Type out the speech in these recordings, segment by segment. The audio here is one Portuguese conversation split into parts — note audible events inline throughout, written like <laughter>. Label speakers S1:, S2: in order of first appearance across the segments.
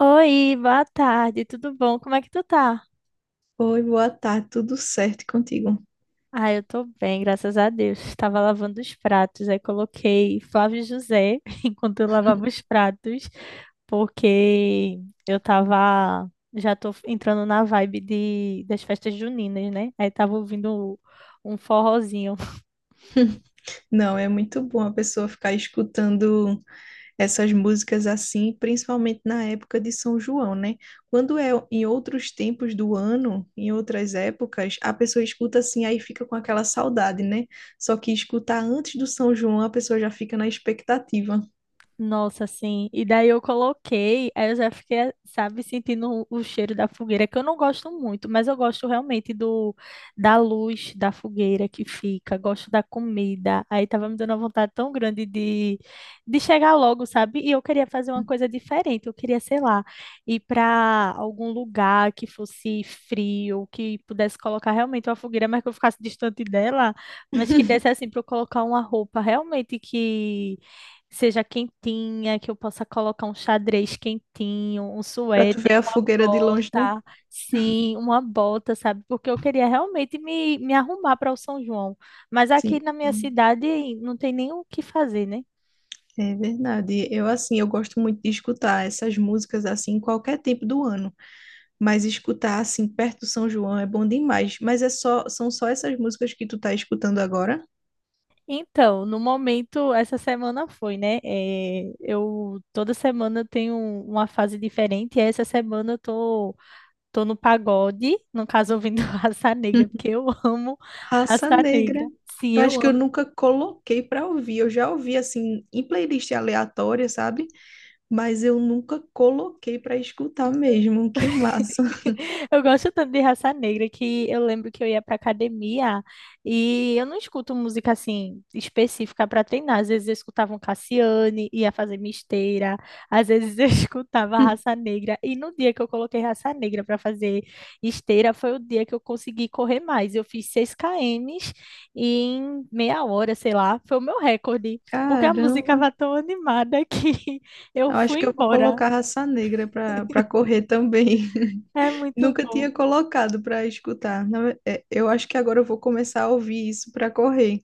S1: Oi, boa tarde, tudo bom? Como é que tu tá?
S2: Oi, boa tarde, tudo certo contigo?
S1: Ah, eu tô bem, graças a Deus. Estava lavando os pratos, aí coloquei Flávio José <laughs> enquanto eu lavava os pratos, porque eu tava, já tô entrando na vibe das festas juninas, né? Aí tava ouvindo um forrozinho.
S2: Não, é muito bom a pessoa ficar escutando essas músicas assim, principalmente na época de São João, né? Quando é em outros tempos do ano, em outras épocas, a pessoa escuta assim, aí fica com aquela saudade, né? Só que escutar antes do São João, a pessoa já fica na expectativa,
S1: Nossa, sim. E daí eu coloquei, aí eu já fiquei, sabe, sentindo o cheiro da fogueira, que eu não gosto muito, mas eu gosto realmente do da luz da fogueira que fica, gosto da comida. Aí tava me dando uma vontade tão grande de chegar logo, sabe? E eu queria fazer uma coisa diferente, eu queria, sei lá, ir para algum lugar que fosse frio, que pudesse colocar realmente uma fogueira, mas que eu ficasse distante dela, mas que desse assim para eu colocar uma roupa realmente que seja quentinha, que eu possa colocar um xadrez quentinho, um
S2: para tu
S1: suéter,
S2: ver a
S1: uma
S2: fogueira de longe, né?
S1: bota, sim, uma bota, sabe? Porque eu queria realmente me arrumar para o São João, mas aqui
S2: Sim.
S1: na minha cidade não tem nem o que fazer, né?
S2: É verdade. Eu assim, eu gosto muito de escutar essas músicas assim em qualquer tempo do ano. Mas escutar assim perto do São João é bom demais. Mas são só essas músicas que tu tá escutando agora?
S1: Então, no momento, essa semana foi, né? Eu toda semana eu tenho uma fase diferente, e essa semana eu tô no pagode, no caso ouvindo <laughs> Raça Negra, porque
S2: <laughs>
S1: eu amo
S2: Raça
S1: Raça
S2: Negra.
S1: Negra. Sim,
S2: Eu
S1: eu
S2: acho que eu
S1: amo.
S2: nunca coloquei pra ouvir. Eu já ouvi assim em playlist aleatória, sabe? Mas eu nunca coloquei pra escutar mesmo. Que massa.
S1: <laughs> Eu gosto tanto de Raça Negra que eu lembro que eu ia pra academia e eu não escuto música assim específica para treinar. Às vezes eu escutava um Cassiane, ia fazer minha esteira, às vezes eu <laughs> escutava Raça
S2: <laughs>
S1: Negra. E no dia que eu coloquei Raça Negra para fazer esteira, foi o dia que eu consegui correr mais. Eu fiz 6 km em meia hora, sei lá, foi o meu recorde, porque a música
S2: Caramba.
S1: estava tão animada que <laughs> eu
S2: Eu acho
S1: fui
S2: que eu vou
S1: embora.
S2: colocar Raça Negra pra para correr também.
S1: É
S2: <laughs>
S1: muito
S2: Nunca
S1: bom.
S2: tinha colocado pra escutar. Eu acho que agora eu vou começar a ouvir isso pra correr.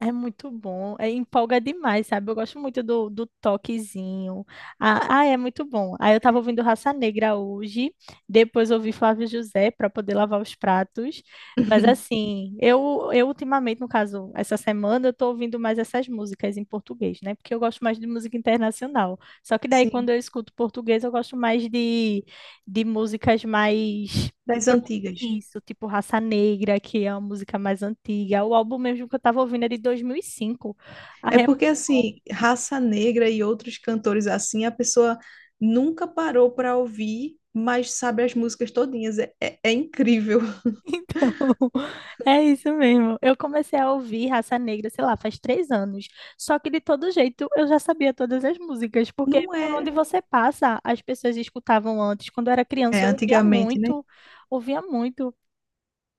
S1: É muito bom, é, empolga demais, sabe? Eu gosto muito do toquezinho. Ah, ah, é muito bom. Aí eu tava ouvindo Raça Negra hoje, depois ouvi Flávio José para poder lavar os pratos. Mas
S2: <laughs>
S1: assim, eu ultimamente, no caso, essa semana, eu tô ouvindo mais essas músicas em português, né? Porque eu gosto mais de música internacional. Só que daí, quando
S2: Sim.
S1: eu escuto português, eu gosto mais de músicas mais.
S2: Das antigas.
S1: Isso, tipo Raça Negra, que é a música mais antiga. O álbum mesmo que eu tava ouvindo é de 2005.
S2: É
S1: Aí é muito
S2: porque,
S1: bom.
S2: assim,
S1: <laughs>
S2: Raça Negra e outros cantores assim, a pessoa nunca parou para ouvir, mas sabe as músicas todinhas. É incrível. <laughs>
S1: Então, é isso mesmo. Eu comecei a ouvir Raça Negra, sei lá, faz 3 anos. Só que de todo jeito eu já sabia todas as músicas, porque
S2: Não
S1: por onde
S2: é,
S1: você passa, as pessoas escutavam antes. Quando eu era
S2: é
S1: criança, eu ouvia
S2: antigamente, né?
S1: muito, ouvia muito.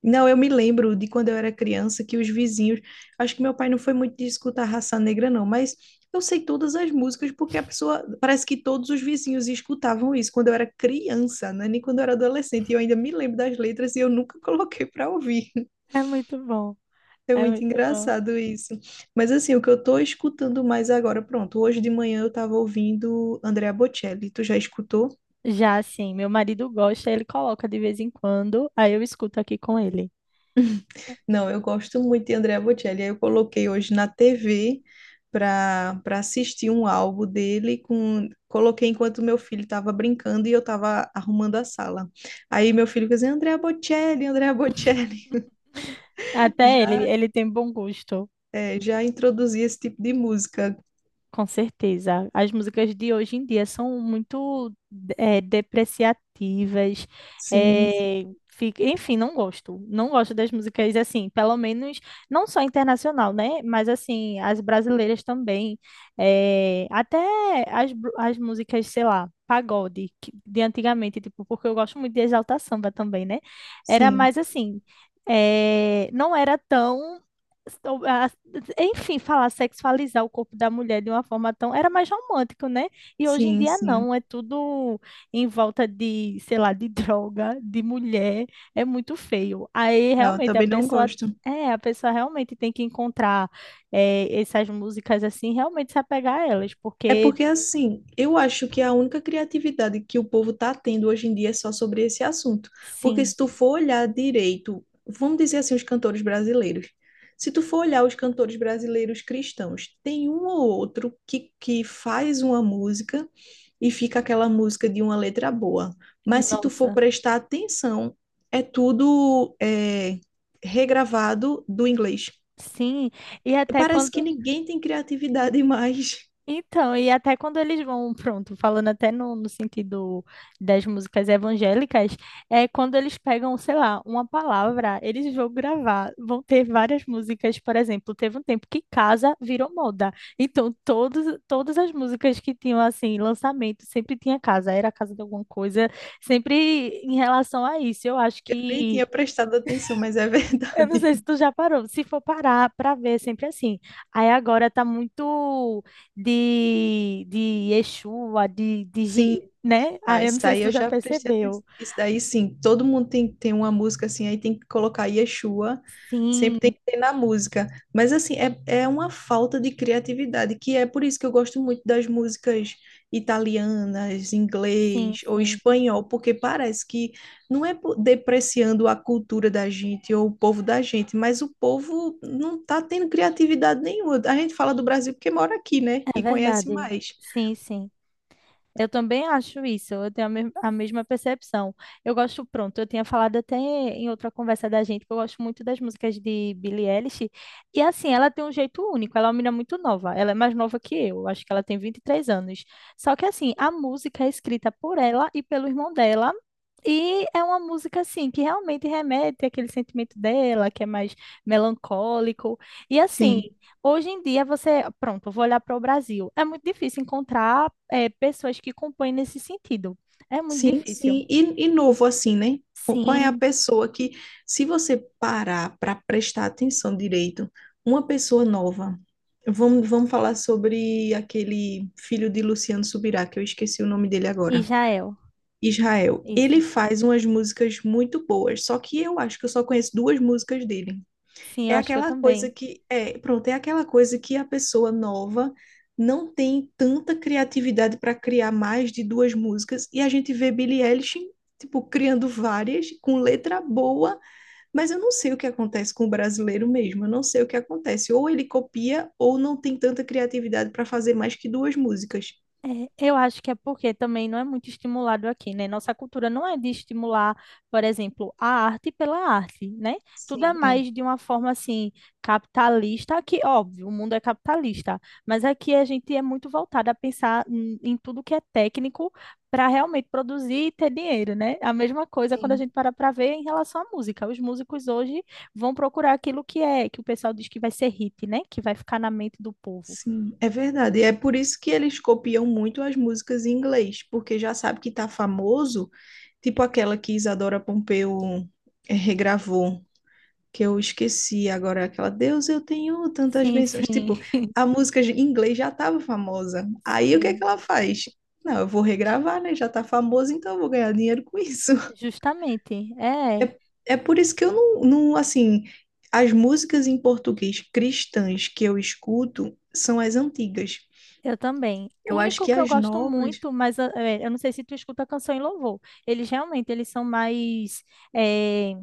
S2: Não, eu me lembro de quando eu era criança que os vizinhos. Acho que meu pai não foi muito de escutar Raça Negra, não, mas eu sei todas as músicas porque a pessoa. Parece que todos os vizinhos escutavam isso quando eu era criança, né? Nem quando eu era adolescente. E eu ainda me lembro das letras e eu nunca <laughs> coloquei para ouvir.
S1: É muito bom,
S2: É
S1: é
S2: muito
S1: muito bom.
S2: engraçado isso. Mas assim, o que eu tô escutando mais agora, pronto, hoje de manhã eu tava ouvindo Andrea Bocelli. Tu já escutou?
S1: Já assim, meu marido gosta, ele coloca de vez em quando, aí eu escuto aqui com ele.
S2: Não, eu gosto muito de Andrea Bocelli. Aí eu coloquei hoje na TV para assistir um álbum dele com coloquei enquanto meu filho estava brincando e eu estava arrumando a sala. Aí meu filho fez assim, Andrea Bocelli, Andrea Bocelli. <laughs>
S1: Até ele,
S2: Já
S1: ele tem bom gosto,
S2: já introduzi esse tipo de música.
S1: com certeza. As músicas de hoje em dia são muito depreciativas.
S2: Sim,
S1: Enfim, não gosto. Não gosto das músicas assim, pelo menos não só internacional, né? Mas assim, as brasileiras também. Até as músicas, sei lá, pagode, de antigamente, tipo, porque eu gosto muito de Exalta Samba também, né? Era
S2: sim,
S1: mais assim. Não era tão so- a- enfim, falar sexualizar o corpo da mulher de uma forma tão. Era mais romântico, né? E hoje em
S2: sim,
S1: dia
S2: sim.
S1: não, é tudo em volta de, sei lá, de droga, de mulher. É muito feio. Aí
S2: Não, eu
S1: realmente a
S2: também não
S1: pessoa.
S2: gosto.
S1: É, a pessoa realmente tem que encontrar essas músicas assim, realmente se apegar a elas,
S2: É
S1: porque
S2: porque assim, eu acho que a única criatividade que o povo está tendo hoje em dia é só sobre esse assunto. Porque
S1: sim,
S2: se tu for olhar direito, vamos dizer assim, os cantores brasileiros. Se tu for olhar os cantores brasileiros cristãos, tem um ou outro que faz uma música e fica aquela música de uma letra boa. Mas se tu for
S1: nossa,
S2: prestar atenção, é tudo é, regravado do inglês.
S1: sim. E até
S2: Parece que
S1: quando.
S2: ninguém tem criatividade <laughs> mais.
S1: Então, e até quando eles vão, <laughs> pronto, falando até no sentido das músicas evangélicas, é quando eles pegam, sei lá, uma palavra, eles vão gravar, vão ter várias músicas, por exemplo, teve um tempo que casa virou moda. Então, todos, todas as músicas que tinham, assim, lançamento, sempre tinha casa, era casa de alguma coisa, sempre em relação a isso. Eu acho
S2: Eu nem
S1: que
S2: tinha prestado atenção, mas é
S1: eu não
S2: verdade.
S1: sei se tu
S2: <laughs>
S1: já parou. Se for parar para ver, é sempre assim. Aí agora tá muito de Exua,
S2: Sim,
S1: né?
S2: não,
S1: Ah, eu
S2: isso
S1: não sei se
S2: aí
S1: tu
S2: eu
S1: já
S2: já prestei
S1: percebeu.
S2: atenção. Isso daí sim, todo mundo tem, tem uma música assim, aí tem que colocar Yeshua,
S1: Sim,
S2: sempre tem que ter na música. Mas assim, é uma falta de criatividade, que é por isso que eu gosto muito das músicas italianas,
S1: sim,
S2: inglês ou
S1: sim.
S2: espanhol, porque parece que não é po- depreciando a cultura da gente ou o povo da gente, mas o povo não tá tendo criatividade nenhuma. A gente fala do Brasil porque mora aqui, né?
S1: É
S2: E conhece
S1: verdade.
S2: mais.
S1: Sim, sim. Eu também acho isso, eu tenho a mesma percepção. Eu gosto, pronto, eu tinha falado até em outra conversa da gente que eu gosto muito das músicas de Billie Eilish. E assim, ela tem um jeito único, ela é uma menina muito nova, ela é mais nova que eu, acho que ela tem 23 anos. Só que assim, a música é escrita por ela e pelo irmão dela. E é uma música assim que realmente remete àquele sentimento dela, que é mais melancólico. E assim,
S2: Sim.
S1: hoje em dia, você, pronto, eu vou olhar para o Brasil. É muito difícil encontrar, pessoas que compõem nesse sentido. É muito
S2: Sim,
S1: difícil.
S2: sim. E novo assim, né? O- qual é a
S1: Sim,
S2: pessoa que, se você parar para prestar atenção direito, uma pessoa nova. Vamos falar sobre aquele filho de Luciano Subirá, que eu esqueci o nome dele agora.
S1: Israel.
S2: Israel.
S1: Isso.
S2: Ele faz umas músicas muito boas, só que eu acho que eu só conheço duas músicas dele.
S1: Sim, eu
S2: É
S1: acho que eu
S2: aquela coisa
S1: também.
S2: que é, pronto, é aquela coisa que a pessoa nova não tem tanta criatividade para criar mais de duas músicas e a gente vê Billie Eilish tipo criando várias com letra boa, mas eu não sei o que acontece com o brasileiro mesmo, eu não sei o que acontece, ou ele copia ou não tem tanta criatividade para fazer mais que duas músicas.
S1: É, eu acho que é porque também não é muito estimulado aqui, né? Nossa cultura não é de estimular, por exemplo, a arte pela arte, né? Tudo é
S2: Sim, é.
S1: mais de uma forma assim capitalista, que óbvio, o mundo é capitalista, mas aqui a gente é muito voltado a pensar em tudo que é técnico para realmente produzir e ter dinheiro, né? A mesma coisa quando a
S2: Sim.
S1: gente para para ver em relação à música. Os músicos hoje vão procurar aquilo que é, que o pessoal diz que vai ser hit, né? Que vai ficar na mente do povo.
S2: Sim, é verdade. E é por isso que eles copiam muito as músicas em inglês, porque já sabe que tá famoso. Tipo aquela que Isadora Pompeu regravou, que eu esqueci agora, aquela Deus, eu tenho tantas
S1: Sim,
S2: bênçãos.
S1: sim.
S2: Tipo,
S1: <laughs>
S2: em inglês já estava famosa. Aí o que é que
S1: Sim.
S2: ela faz? Não, eu vou regravar, né? Já tá famosa, então eu vou ganhar dinheiro com isso. <laughs>
S1: Justamente, é,
S2: É, é por isso que eu não, não, assim, as músicas em português cristãs que eu escuto são as antigas.
S1: eu também. O
S2: Eu acho
S1: único
S2: que
S1: que eu
S2: as
S1: gosto
S2: novas.
S1: muito, mas ah, eu não sei se tu escuta canção e louvor. Eles realmente, eles são mais eh,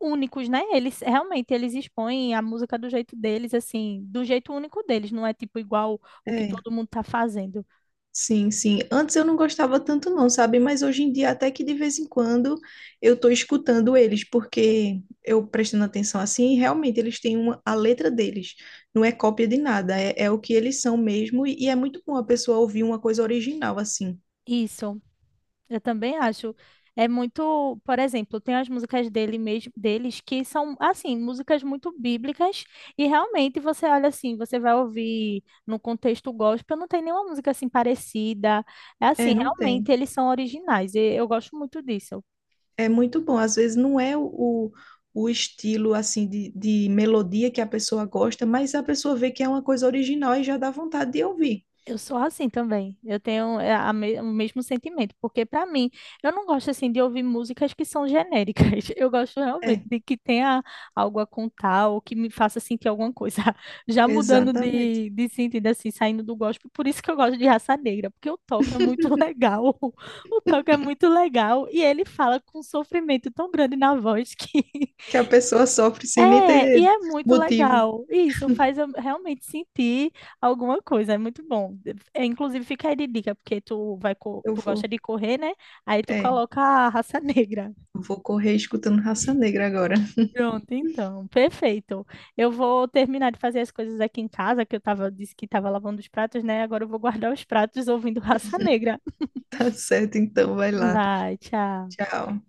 S1: únicos, né? Eles realmente, eles expõem a música do jeito deles, assim, do jeito único deles, não é tipo igual o que
S2: É,
S1: todo mundo tá fazendo.
S2: sim, sim. Antes eu não gostava tanto não, sabe? Mas hoje em dia até que de vez em quando eu tô escutando eles, porque eu prestando atenção assim, realmente eles têm uma, a letra deles. Não é cópia de nada, é o que eles são mesmo e é muito bom a pessoa ouvir uma coisa original assim.
S1: Isso. Eu também acho. É muito, por exemplo, tem as músicas dele mesmo, deles que são assim, músicas muito bíblicas e realmente você olha assim, você vai ouvir no contexto gospel, não tem nenhuma música assim parecida. É
S2: É,
S1: assim,
S2: não tem.
S1: realmente eles são originais e eu gosto muito disso.
S2: É muito bom. Às vezes não é o, o estilo assim de melodia que a pessoa gosta, mas a pessoa vê que é uma coisa original e já dá vontade de ouvir.
S1: Eu sou assim também. Eu tenho é, o mesmo sentimento, porque para mim, eu não gosto assim de ouvir músicas que são genéricas. <laughs> Eu gosto realmente
S2: É,
S1: de que tenha algo a contar ou que me faça sentir alguma coisa. <laughs> Já mudando
S2: exatamente.
S1: de sentido assim, saindo do gospel, por isso que eu gosto de Raça Negra, porque o toque é muito <laughs> legal. O toque é muito legal e ele fala com um sofrimento tão grande na voz que <laughs>
S2: Que a pessoa sofre sem nem
S1: é,
S2: ter
S1: e é muito
S2: motivo.
S1: legal. Isso faz eu realmente sentir alguma coisa, é muito bom. É, inclusive, fica aí de dica, porque tu vai,
S2: Eu
S1: tu gosta
S2: vou,
S1: de correr, né? Aí tu
S2: é,
S1: coloca a Raça <laughs> Negra.
S2: eu vou correr escutando Raça Negra agora. <laughs>
S1: Pronto, então, perfeito. Eu vou terminar de fazer as coisas aqui em casa, que eu tava, disse que estava lavando os pratos, né? Agora eu vou guardar os pratos ouvindo Raça Negra.
S2: Tá certo, então, vai lá.
S1: Vai, tchau.
S2: Tchau.